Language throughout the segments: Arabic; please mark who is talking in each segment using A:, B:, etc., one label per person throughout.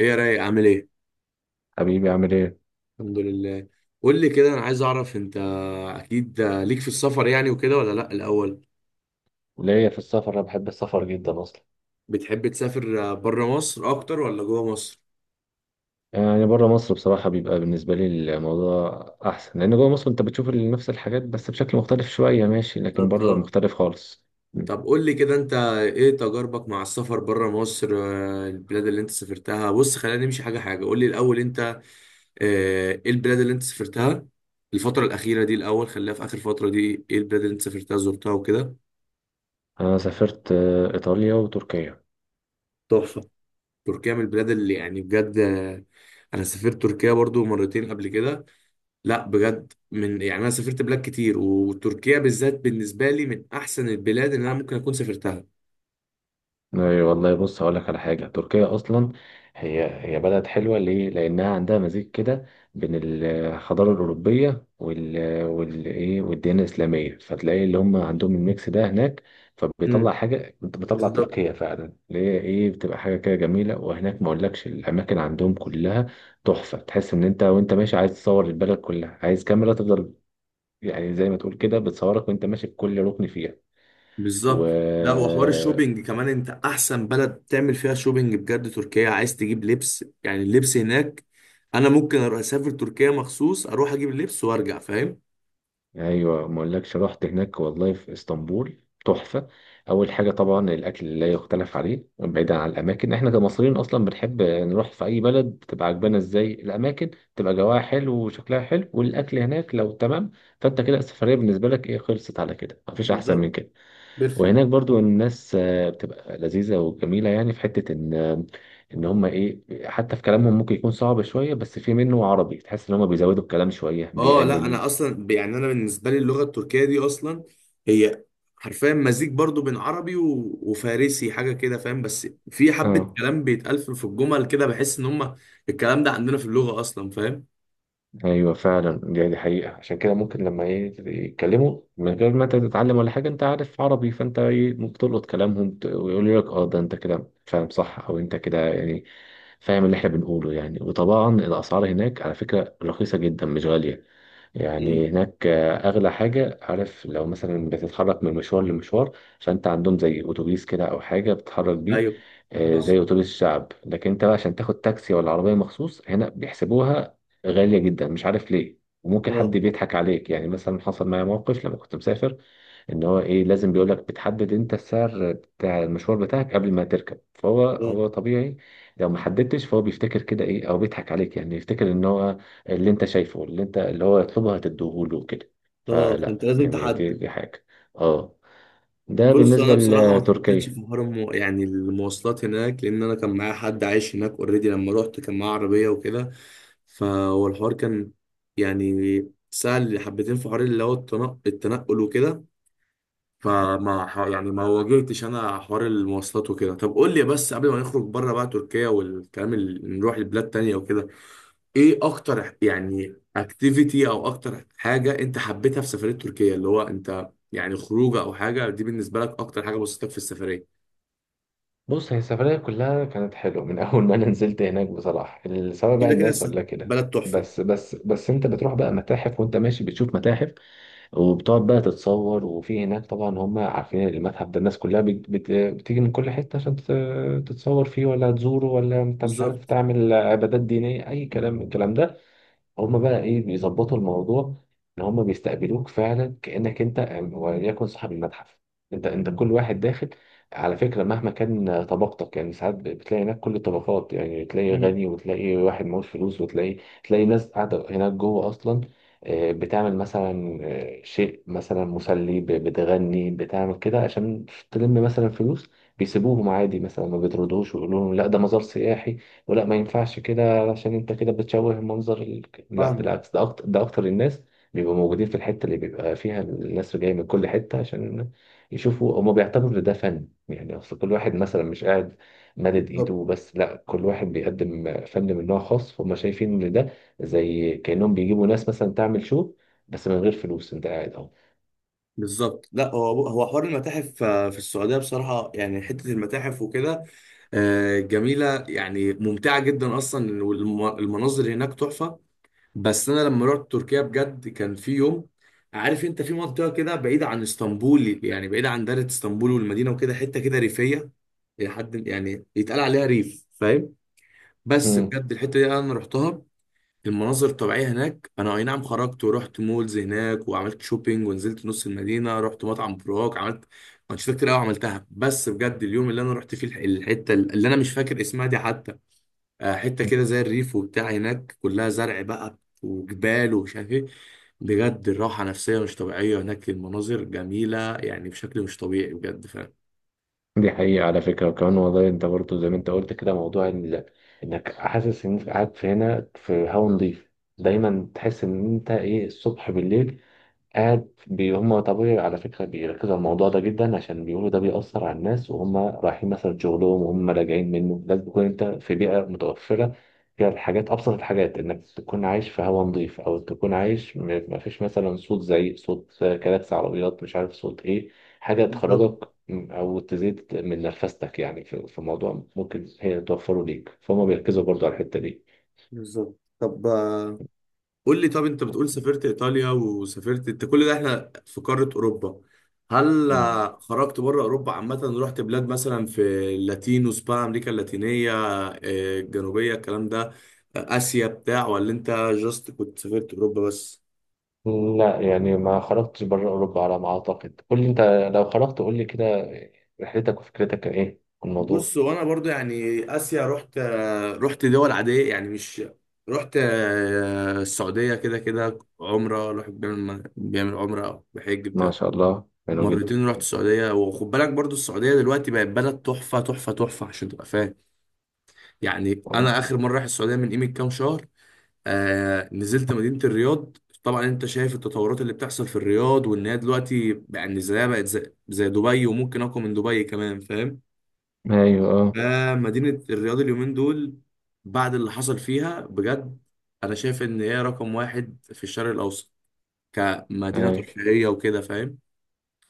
A: ايه يا رايق؟ عامل ايه؟
B: حبيبي عامل ايه؟
A: الحمد لله. قول لي كده، انا عايز اعرف انت اكيد ليك في السفر يعني وكده ولا لا؟ الاول،
B: وليا في السفر، انا بحب السفر جدا اصلا،
A: بتحب تسافر بره مصر اكتر ولا جوه مصر؟
B: يعني بره مصر بصراحة بيبقى بالنسبة لي الموضوع أحسن، لأن جوه مصر أنت بتشوف نفس الحاجات بس بشكل مختلف شوية، ماشي، لكن
A: بالظبط،
B: بره
A: اه.
B: مختلف خالص. م.
A: طب قول لي كده، انت ايه تجاربك مع السفر بره مصر؟ البلاد اللي انت سافرتها، بص خلينا نمشي حاجه حاجه. قول لي الاول انت، ايه البلاد اللي انت سافرتها الفتره الاخيره دي؟ الاول خليها في اخر فتره دي، ايه البلاد اللي انت سافرتها، زرتها وكده؟
B: أنا سافرت إيطاليا وتركيا.
A: تحفة. تركيا من البلاد اللي يعني بجد، انا سافرت تركيا برضو مرتين قبل كده. لا بجد، من يعني انا سافرت بلاد كتير، وتركيا بالذات بالنسبه لي من احسن البلاد اللي انا ممكن اكون سافرتها.
B: اي والله، بص هقول لك على حاجه، تركيا اصلا هي بلد حلوه ليه؟ لانها عندها مزيج كده بين الحضاره الاوروبيه والديانه الاسلاميه، فتلاقي اللي هم عندهم الميكس ده هناك، فبيطلع
A: امم،
B: حاجه، بتطلع
A: بالظبط.
B: تركيا فعلا اللي هي بتبقى حاجه كده جميله. وهناك ما اقولكش الاماكن عندهم كلها تحفه، تحس ان انت وانت ماشي عايز تصور البلد كلها، عايز كاميرا تفضل يعني، زي ما تقول كده بتصورك وانت ماشي في كل ركن فيها و...
A: بالظبط. لا، وحوار الشوبينج كمان، انت احسن بلد تعمل فيها شوبينج بجد تركيا. عايز تجيب لبس يعني، اللبس هناك انا ممكن اروح اسافر تركيا مخصوص اروح اجيب اللبس وارجع، فاهم؟
B: ايوه، ما اقولكش رحت هناك والله في اسطنبول تحفه. اول حاجه طبعا الاكل لا يختلف عليه، بعيدا عن الاماكن، احنا كمصريين اصلا بنحب نروح في اي بلد تبقى عجبانا ازاي الاماكن تبقى جواها حلو وشكلها حلو والاكل هناك لو تمام، فانت كده السفريه بالنسبه لك ايه خلصت على كده، مفيش احسن من
A: بالظبط.
B: كده.
A: بيرفكت.
B: وهناك برضو الناس بتبقى لذيذه وجميله، يعني في حته ان ان هم حتى في كلامهم ممكن يكون صعب شويه، بس في منه عربي، تحس ان هم بيزودوا الكلام شويه
A: اه لا،
B: بيقللوه.
A: انا اصلا يعني انا بالنسبه لي اللغه التركيه دي اصلا، هي حرفيا مزيج برضو بين عربي وفارسي حاجه كده فاهم. بس في حبه
B: اه،
A: كلام بيتقال في الجمل كده، بحس ان هم الكلام ده عندنا في اللغه اصلا، فاهم؟
B: ايوه فعلا دي حقيقه، عشان كده ممكن لما يتكلموا من غير ما انت تتعلم ولا حاجه، انت عارف عربي، فانت ممكن تلقط كلامهم، ويقولوا لك اه ده انت كده فاهم صح، او انت كده يعني فاهم اللي احنا بنقوله يعني. وطبعا الاسعار هناك على فكره رخيصه جدا مش غاليه، يعني
A: امم،
B: هناك اغلى حاجه عارف، لو مثلا بتتحرك من مشوار لمشوار، فانت عندهم زي اتوبيس كده او حاجه بتتحرك بيه،
A: ايوه. صح.
B: زي اتوبيس الشعب، لكن انت بقى عشان تاخد تاكسي ولا عربيه مخصوص هنا بيحسبوها غاليه جدا، مش عارف ليه. وممكن حد
A: اه،
B: بيضحك عليك يعني، مثلا حصل معايا موقف لما كنت مسافر، ان هو لازم، بيقول لك بتحدد انت السعر بتاع المشوار بتاعك قبل ما تركب، فهو
A: اه،
B: هو طبيعي لو ما حددتش، فهو بيفتكر كده او بيضحك عليك يعني، يفتكر ان هو اللي انت شايفه، اللي انت اللي هو يطلبه هتديهوله كده،
A: اه، فانت
B: فلا
A: لازم
B: يعني دي
A: تحدد.
B: دي حاجة. اه ده
A: بص انا
B: بالنسبة
A: بصراحه ما اتحطيتش
B: لتركيا.
A: في حوار يعني المواصلات هناك، لان انا كان معايا حد عايش هناك اوريدي، لما روحت كان معاه عربيه وكده. فهو الحوار كان يعني سهل حبتين في حوار اللي هو التنقل وكده. فما يعني ما واجهتش انا حوار المواصلات وكده. طب قول لي بس قبل ما نخرج بره بقى تركيا والكلام اللي نروح لبلاد تانية وكده، ايه اكتر يعني اكتيفيتي او اكتر حاجه انت حبيتها في سفريه تركيا؟ اللي هو انت يعني خروجه او حاجه، دي بالنسبه لك اكتر حاجه بسطتك في السفريه.
B: بص، هي السفرية كلها كانت حلوة من أول ما أنا نزلت هناك بصراحة، سواء بقى
A: كده كده
B: الناس
A: الس-
B: ولا كده،
A: بلد تحفة.
B: بس أنت بتروح بقى متاحف، وأنت ماشي بتشوف متاحف، وبتقعد بقى تتصور، وفي هناك طبعا هم عارفين المتحف ده، الناس كلها بت بت بتيجي من كل حتة عشان تتصور فيه ولا تزوره، ولا أنت مش عارف
A: بالظبط.
B: تعمل عبادات دينية، أي كلام من الكلام ده. هما بقى بيظبطوا الموضوع، ان هما بيستقبلوك فعلا كانك انت وليكن صاحب المتحف، انت كل واحد داخل على فكره مهما كان طبقتك. يعني ساعات بتلاقي هناك كل الطبقات، يعني تلاقي
A: مم.
B: غني وتلاقي واحد معهوش فلوس، وتلاقي ناس قاعده هناك جوه اصلا، بتعمل مثلا شيء مثلا مسلي، بتغني، بتعمل كده عشان تلم مثلا فلوس، بيسيبوهم عادي، مثلا ما بيطردوش ويقولوا لهم لا ده مزار سياحي ولا ما ينفعش كده، علشان انت كده بتشوه المنظر. لا
A: فاهمه.
B: بالعكس، ده اكتر الناس بيبقوا موجودين في الحته اللي بيبقى فيها الناس جايه من كل حته عشان يشوفوا. هما بيعتبروا ان ده فن، يعني اصل كل واحد مثلا مش قاعد مدد ايده
A: بالظبط.
B: وبس، لا كل واحد بيقدم فن من نوع خاص، فهم شايفين ان ده زي كانهم بيجيبوا ناس مثلا تعمل شو بس من غير فلوس، انت قاعد اهو.
A: بالظبط، لا هو هو حوار المتاحف. في السعودية بصراحة يعني حتة المتاحف وكده، جميلة يعني ممتعة جدا أصلا، والمناظر هناك تحفة. بس انا لما رحت تركيا بجد، كان في يوم، عارف، انت في منطقه كده بعيده عن اسطنبول، يعني بعيده عن دايره اسطنبول والمدينه وكده، حته كده ريفيه الى حد يعني يتقال عليها ريف، فاهم؟ بس
B: مم.
A: بجد الحته دي انا رحتها، المناظر الطبيعيه هناك. انا اي نعم خرجت ورحت مولز هناك وعملت شوبينج، ونزلت نص المدينه، رحت مطعم، براك، عملت انشطه كتير قوي عملتها. بس بجد اليوم اللي انا رحت فيه الحته اللي انا مش فاكر اسمها دي حتى، حته كده زي الريف وبتاع، هناك كلها زرع بقى وجبال ومش عارف ايه، بجد الراحه نفسيه مش طبيعيه هناك، المناظر جميله يعني بشكل مش طبيعي بجد فعلا.
B: دي حقيقة على فكرة، وكمان والله انت برضه زي ما انت قلت كده، موضوع انك حاسس انك قاعد في هنا في هوا نضيف، دايما تحس ان انت الصبح بالليل قاعد بي هم طبيعي، على فكرة بيركزوا على الموضوع ده جدا، عشان بيقولوا ده بيأثر على الناس، وهم رايحين مثلا شغلهم وهم راجعين منه لازم تكون انت في بيئة متوفرة فيها الحاجات، أبسط الحاجات إنك تكون عايش في هواء نظيف، أو تكون عايش مفيش مثلا صوت زعيق، صوت كلاكس عربيات، مش عارف صوت إيه، حاجة
A: بالظبط.
B: تخرجك أو تزيد من نرفستك، يعني في موضوع ممكن هي توفره ليك، فهم بيركزوا برضو على الحتة دي.
A: بالظبط. طب قول لي، طب انت بتقول سافرت ايطاليا وسافرت، انت كل ده احنا في قاره اوروبا. هل
B: مم.
A: خرجت بره اوروبا عامه؟ رحت بلاد مثلا في اللاتين وسبان، امريكا اللاتينيه، الجنوبيه، الكلام ده؟ اسيا بتاع، ولا انت جاست كنت سافرت اوروبا بس؟
B: لا يعني ما خرجتش بره أوروبا على ما أعتقد، قول لي أنت لو خرجت قول لي كده، رحلتك وفكرتك كان إيه عن الموضوع.
A: بص وانا برضو يعني اسيا رحت، رحت دول عاديه يعني، مش رحت. السعوديه كده كده عمره، الواحد بيعمل عمره او بحج
B: ما
A: بتاع.
B: شاء الله حلو جدا.
A: مرتين رحت السعوديه. وخد بالك برضو، السعوديه دلوقتي بقت بلد تحفه تحفه تحفه، عشان تبقى فاهم. يعني انا اخر مره رايح السعوديه من قيمه كام شهر، آه، نزلت مدينه الرياض. طبعا انت شايف التطورات اللي بتحصل في الرياض، وان هي دلوقتي يعني زيها بقت زي دبي، وممكن اقوى من دبي كمان، فاهم؟
B: ايوه اه.
A: فمدينة الرياض اليومين دول، بعد اللي حصل فيها بجد، أنا شايف إن هي رقم واحد في الشرق الأوسط كمدينة
B: ايوه
A: ترفيهية وكده، فاهم؟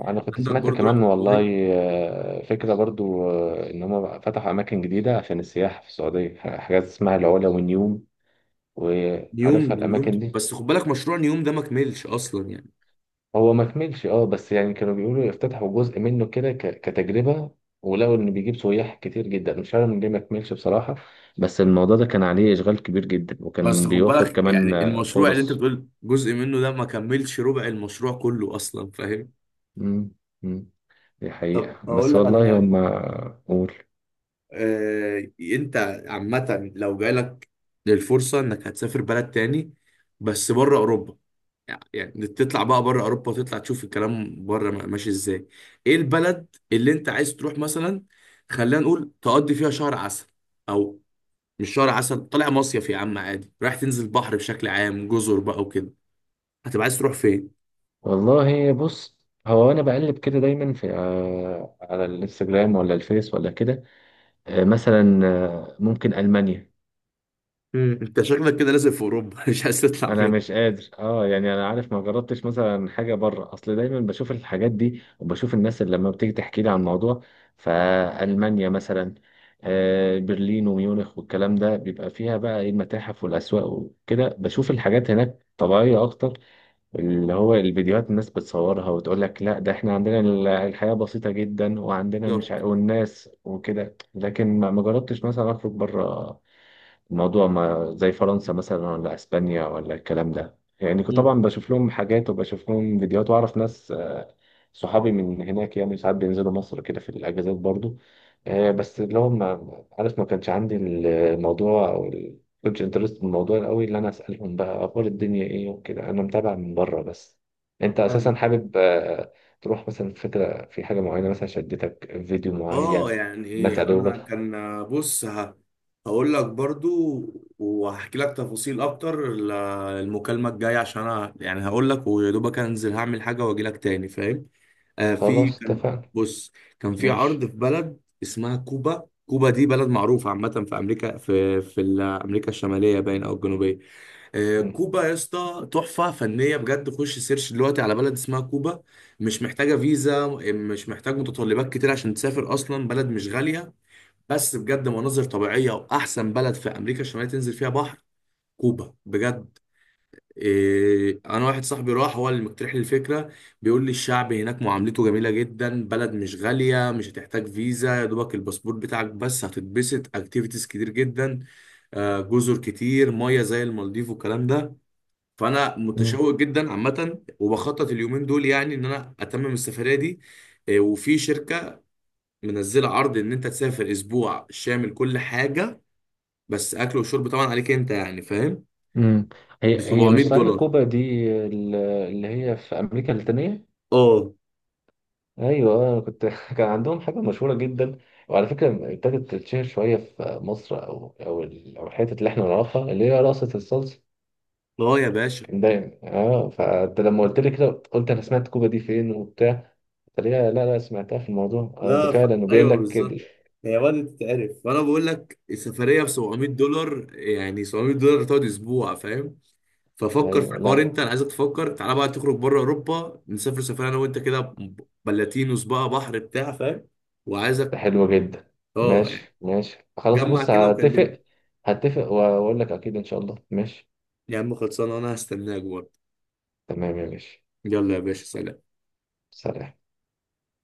B: أنا كنت
A: عندك
B: سمعت
A: برضو
B: كمان
A: رحت دبي.
B: والله، فكرة برضو إن هم فتحوا أماكن جديدة عشان السياحة في السعودية، حاجات اسمها العلا والنيوم،
A: نيوم،
B: وعارفها
A: نيوم،
B: الأماكن دي.
A: بس خد بالك مشروع نيوم ده ما كملش أصلا يعني.
B: هو ما كملش، اه، بس يعني كانوا بيقولوا يفتتحوا جزء منه كده كتجربة، ولقوا ان بيجيب سياح كتير جدا، مش عارف من ليه ما كملش بصراحة، بس الموضوع ده كان عليه اشغال كبير جدا،
A: بس
B: وكان
A: خد
B: بيوفر
A: بالك يعني
B: كمان
A: المشروع اللي أنت
B: فرص.
A: بتقول جزء منه ده، ما كملش ربع المشروع كله أصلا، فاهم؟
B: مم. مم. دي
A: طب
B: حقيقة
A: اقول
B: بس
A: لك على
B: والله
A: حاجه،
B: هم. قول.
A: انت عامة لو جالك للفرصة انك هتسافر بلد تاني، بس بره اوروبا، يعني تطلع بقى بره اوروبا وتطلع تشوف الكلام بره ماشي ازاي، ايه البلد اللي انت عايز تروح مثلا؟ خلينا نقول تقضي فيها شهر عسل، او مش شهر عسل، طالع مصيف يا عم عادي، رايح تنزل بحر بشكل عام، جزر بقى وكده، هتبقى عايز تروح فين؟
B: والله بص، هو انا بقلب كده دايما في على الانستجرام ولا الفيس ولا كده، مثلا ممكن المانيا.
A: مم. انت شكلك كده لازم في اوروبا. مش عايز تطلع
B: انا
A: فين؟
B: مش قادر، يعني انا عارف، ما جربتش مثلا حاجه بره، اصل دايما بشوف الحاجات دي وبشوف الناس اللي لما بتيجي تحكي لي عن الموضوع. فالمانيا مثلا، برلين وميونخ والكلام ده، بيبقى فيها بقى المتاحف والاسواق وكده، بشوف الحاجات هناك طبيعيه اكتر، اللي هو الفيديوهات الناس بتصورها وتقول لك لا ده احنا عندنا الحياه بسيطه جدا، وعندنا مش
A: بالظبط.
B: والناس وكده، لكن ما جربتش مثلا اخرج بره الموضوع، ما زي فرنسا مثلا ولا اسبانيا ولا الكلام ده. يعني كنت
A: مم.
B: طبعا بشوف لهم حاجات، وبشوف لهم فيديوهات، واعرف ناس صحابي من هناك، يعني ساعات بينزلوا مصر كده في الاجازات برضو، بس اللي هو ما عارف، ما كانش عندي الموضوع او كنتش انترست بالموضوع قوي، اللي انا اسالهم بقى اخبار الدنيا ايه وكده، انا متابع من بره بس. انت اساسا حابب تروح مثلا، فكره في حاجه معينه، مثلا شدتك فيديو
A: اه
B: معين
A: يعني
B: الناس
A: ايه،
B: عليه.
A: انا كان، بص، هقول لك برضو وهحكي لك تفاصيل اكتر المكالمه الجايه، عشان انا يعني هقول لك ويا دوبك انزل هعمل حاجه واجي لك تاني، فاهم؟ آه، في
B: خلاص
A: كان،
B: اتفقنا.
A: بص، كان في عرض
B: ماشي.
A: في بلد اسمها كوبا. كوبا دي بلد معروفه عامه في امريكا، في في امريكا الشماليه باين او الجنوبيه. كوبا يا اسطى تحفة فنية بجد. خش سيرش دلوقتي على بلد اسمها كوبا. مش محتاجة فيزا، مش محتاج متطلبات كتير عشان تسافر، أصلا بلد مش غالية. بس بجد مناظر طبيعية، وأحسن بلد في أمريكا الشمالية تنزل فيها بحر كوبا بجد. إيه، أنا واحد صاحبي راح، هو اللي مقترح لي الفكرة. بيقول لي الشعب هناك معاملته جميلة جدا، بلد مش غالية، مش هتحتاج فيزا، يا دوبك الباسبور بتاعك بس، هتتبسط، أكتيفيتيز كتير جدا، جزر كتير مية زي المالديف والكلام ده. فانا
B: مم.
A: متشوق جدا عامه، وبخطط اليومين دول يعني ان انا اتمم السفريه دي. إيه، وفي شركه منزله عرض ان انت تسافر اسبوع شامل كل حاجه، بس اكل وشرب طبعا عليك انت، يعني فاهم؟
B: مم.
A: ب
B: هي مش
A: 700
B: صحيح
A: دولار
B: كوبا دي اللي هي في امريكا اللاتينيه.
A: اه.
B: ايوه كنت كان عندهم حاجه مشهوره جدا، وعلى فكره ابتدت تتشهر شويه في مصر، او الحتت اللي احنا نعرفها، اللي هي رقصه الصلصه.
A: اه يا باشا.
B: كان دايما، فانت لما قلت لي كده، قلت انا سمعت كوبا دي فين وبتاع، قلت لي لا لا سمعتها في الموضوع. اه ده
A: لا ف...
B: فعلا، وبيقول
A: ايوه
B: لك
A: بالظبط. هي بدأت تتعرف، فانا بقول لك السفريه ب $700، يعني $700 تقعد اسبوع، فاهم؟ ففكر في
B: ايوه
A: الحوار
B: لا،
A: انت، انا عايزك تفكر، تعالى بقى تخرج بره اوروبا، نسافر سفريه انا وانت كده، بلاتينوس بقى، بحر بتاع، فاهم؟ وعايزك،
B: ده حلوه جدا.
A: اه يعني
B: ماشي ماشي خلاص،
A: جمع
B: بص
A: كده وكلمني.
B: هتفق، هتفق واقول لك اكيد ان شاء الله. ماشي
A: يا عم خلصانه، انا هستناك برضه.
B: تمام يا باشا،
A: يلا يا باشا، سلام.
B: سلام.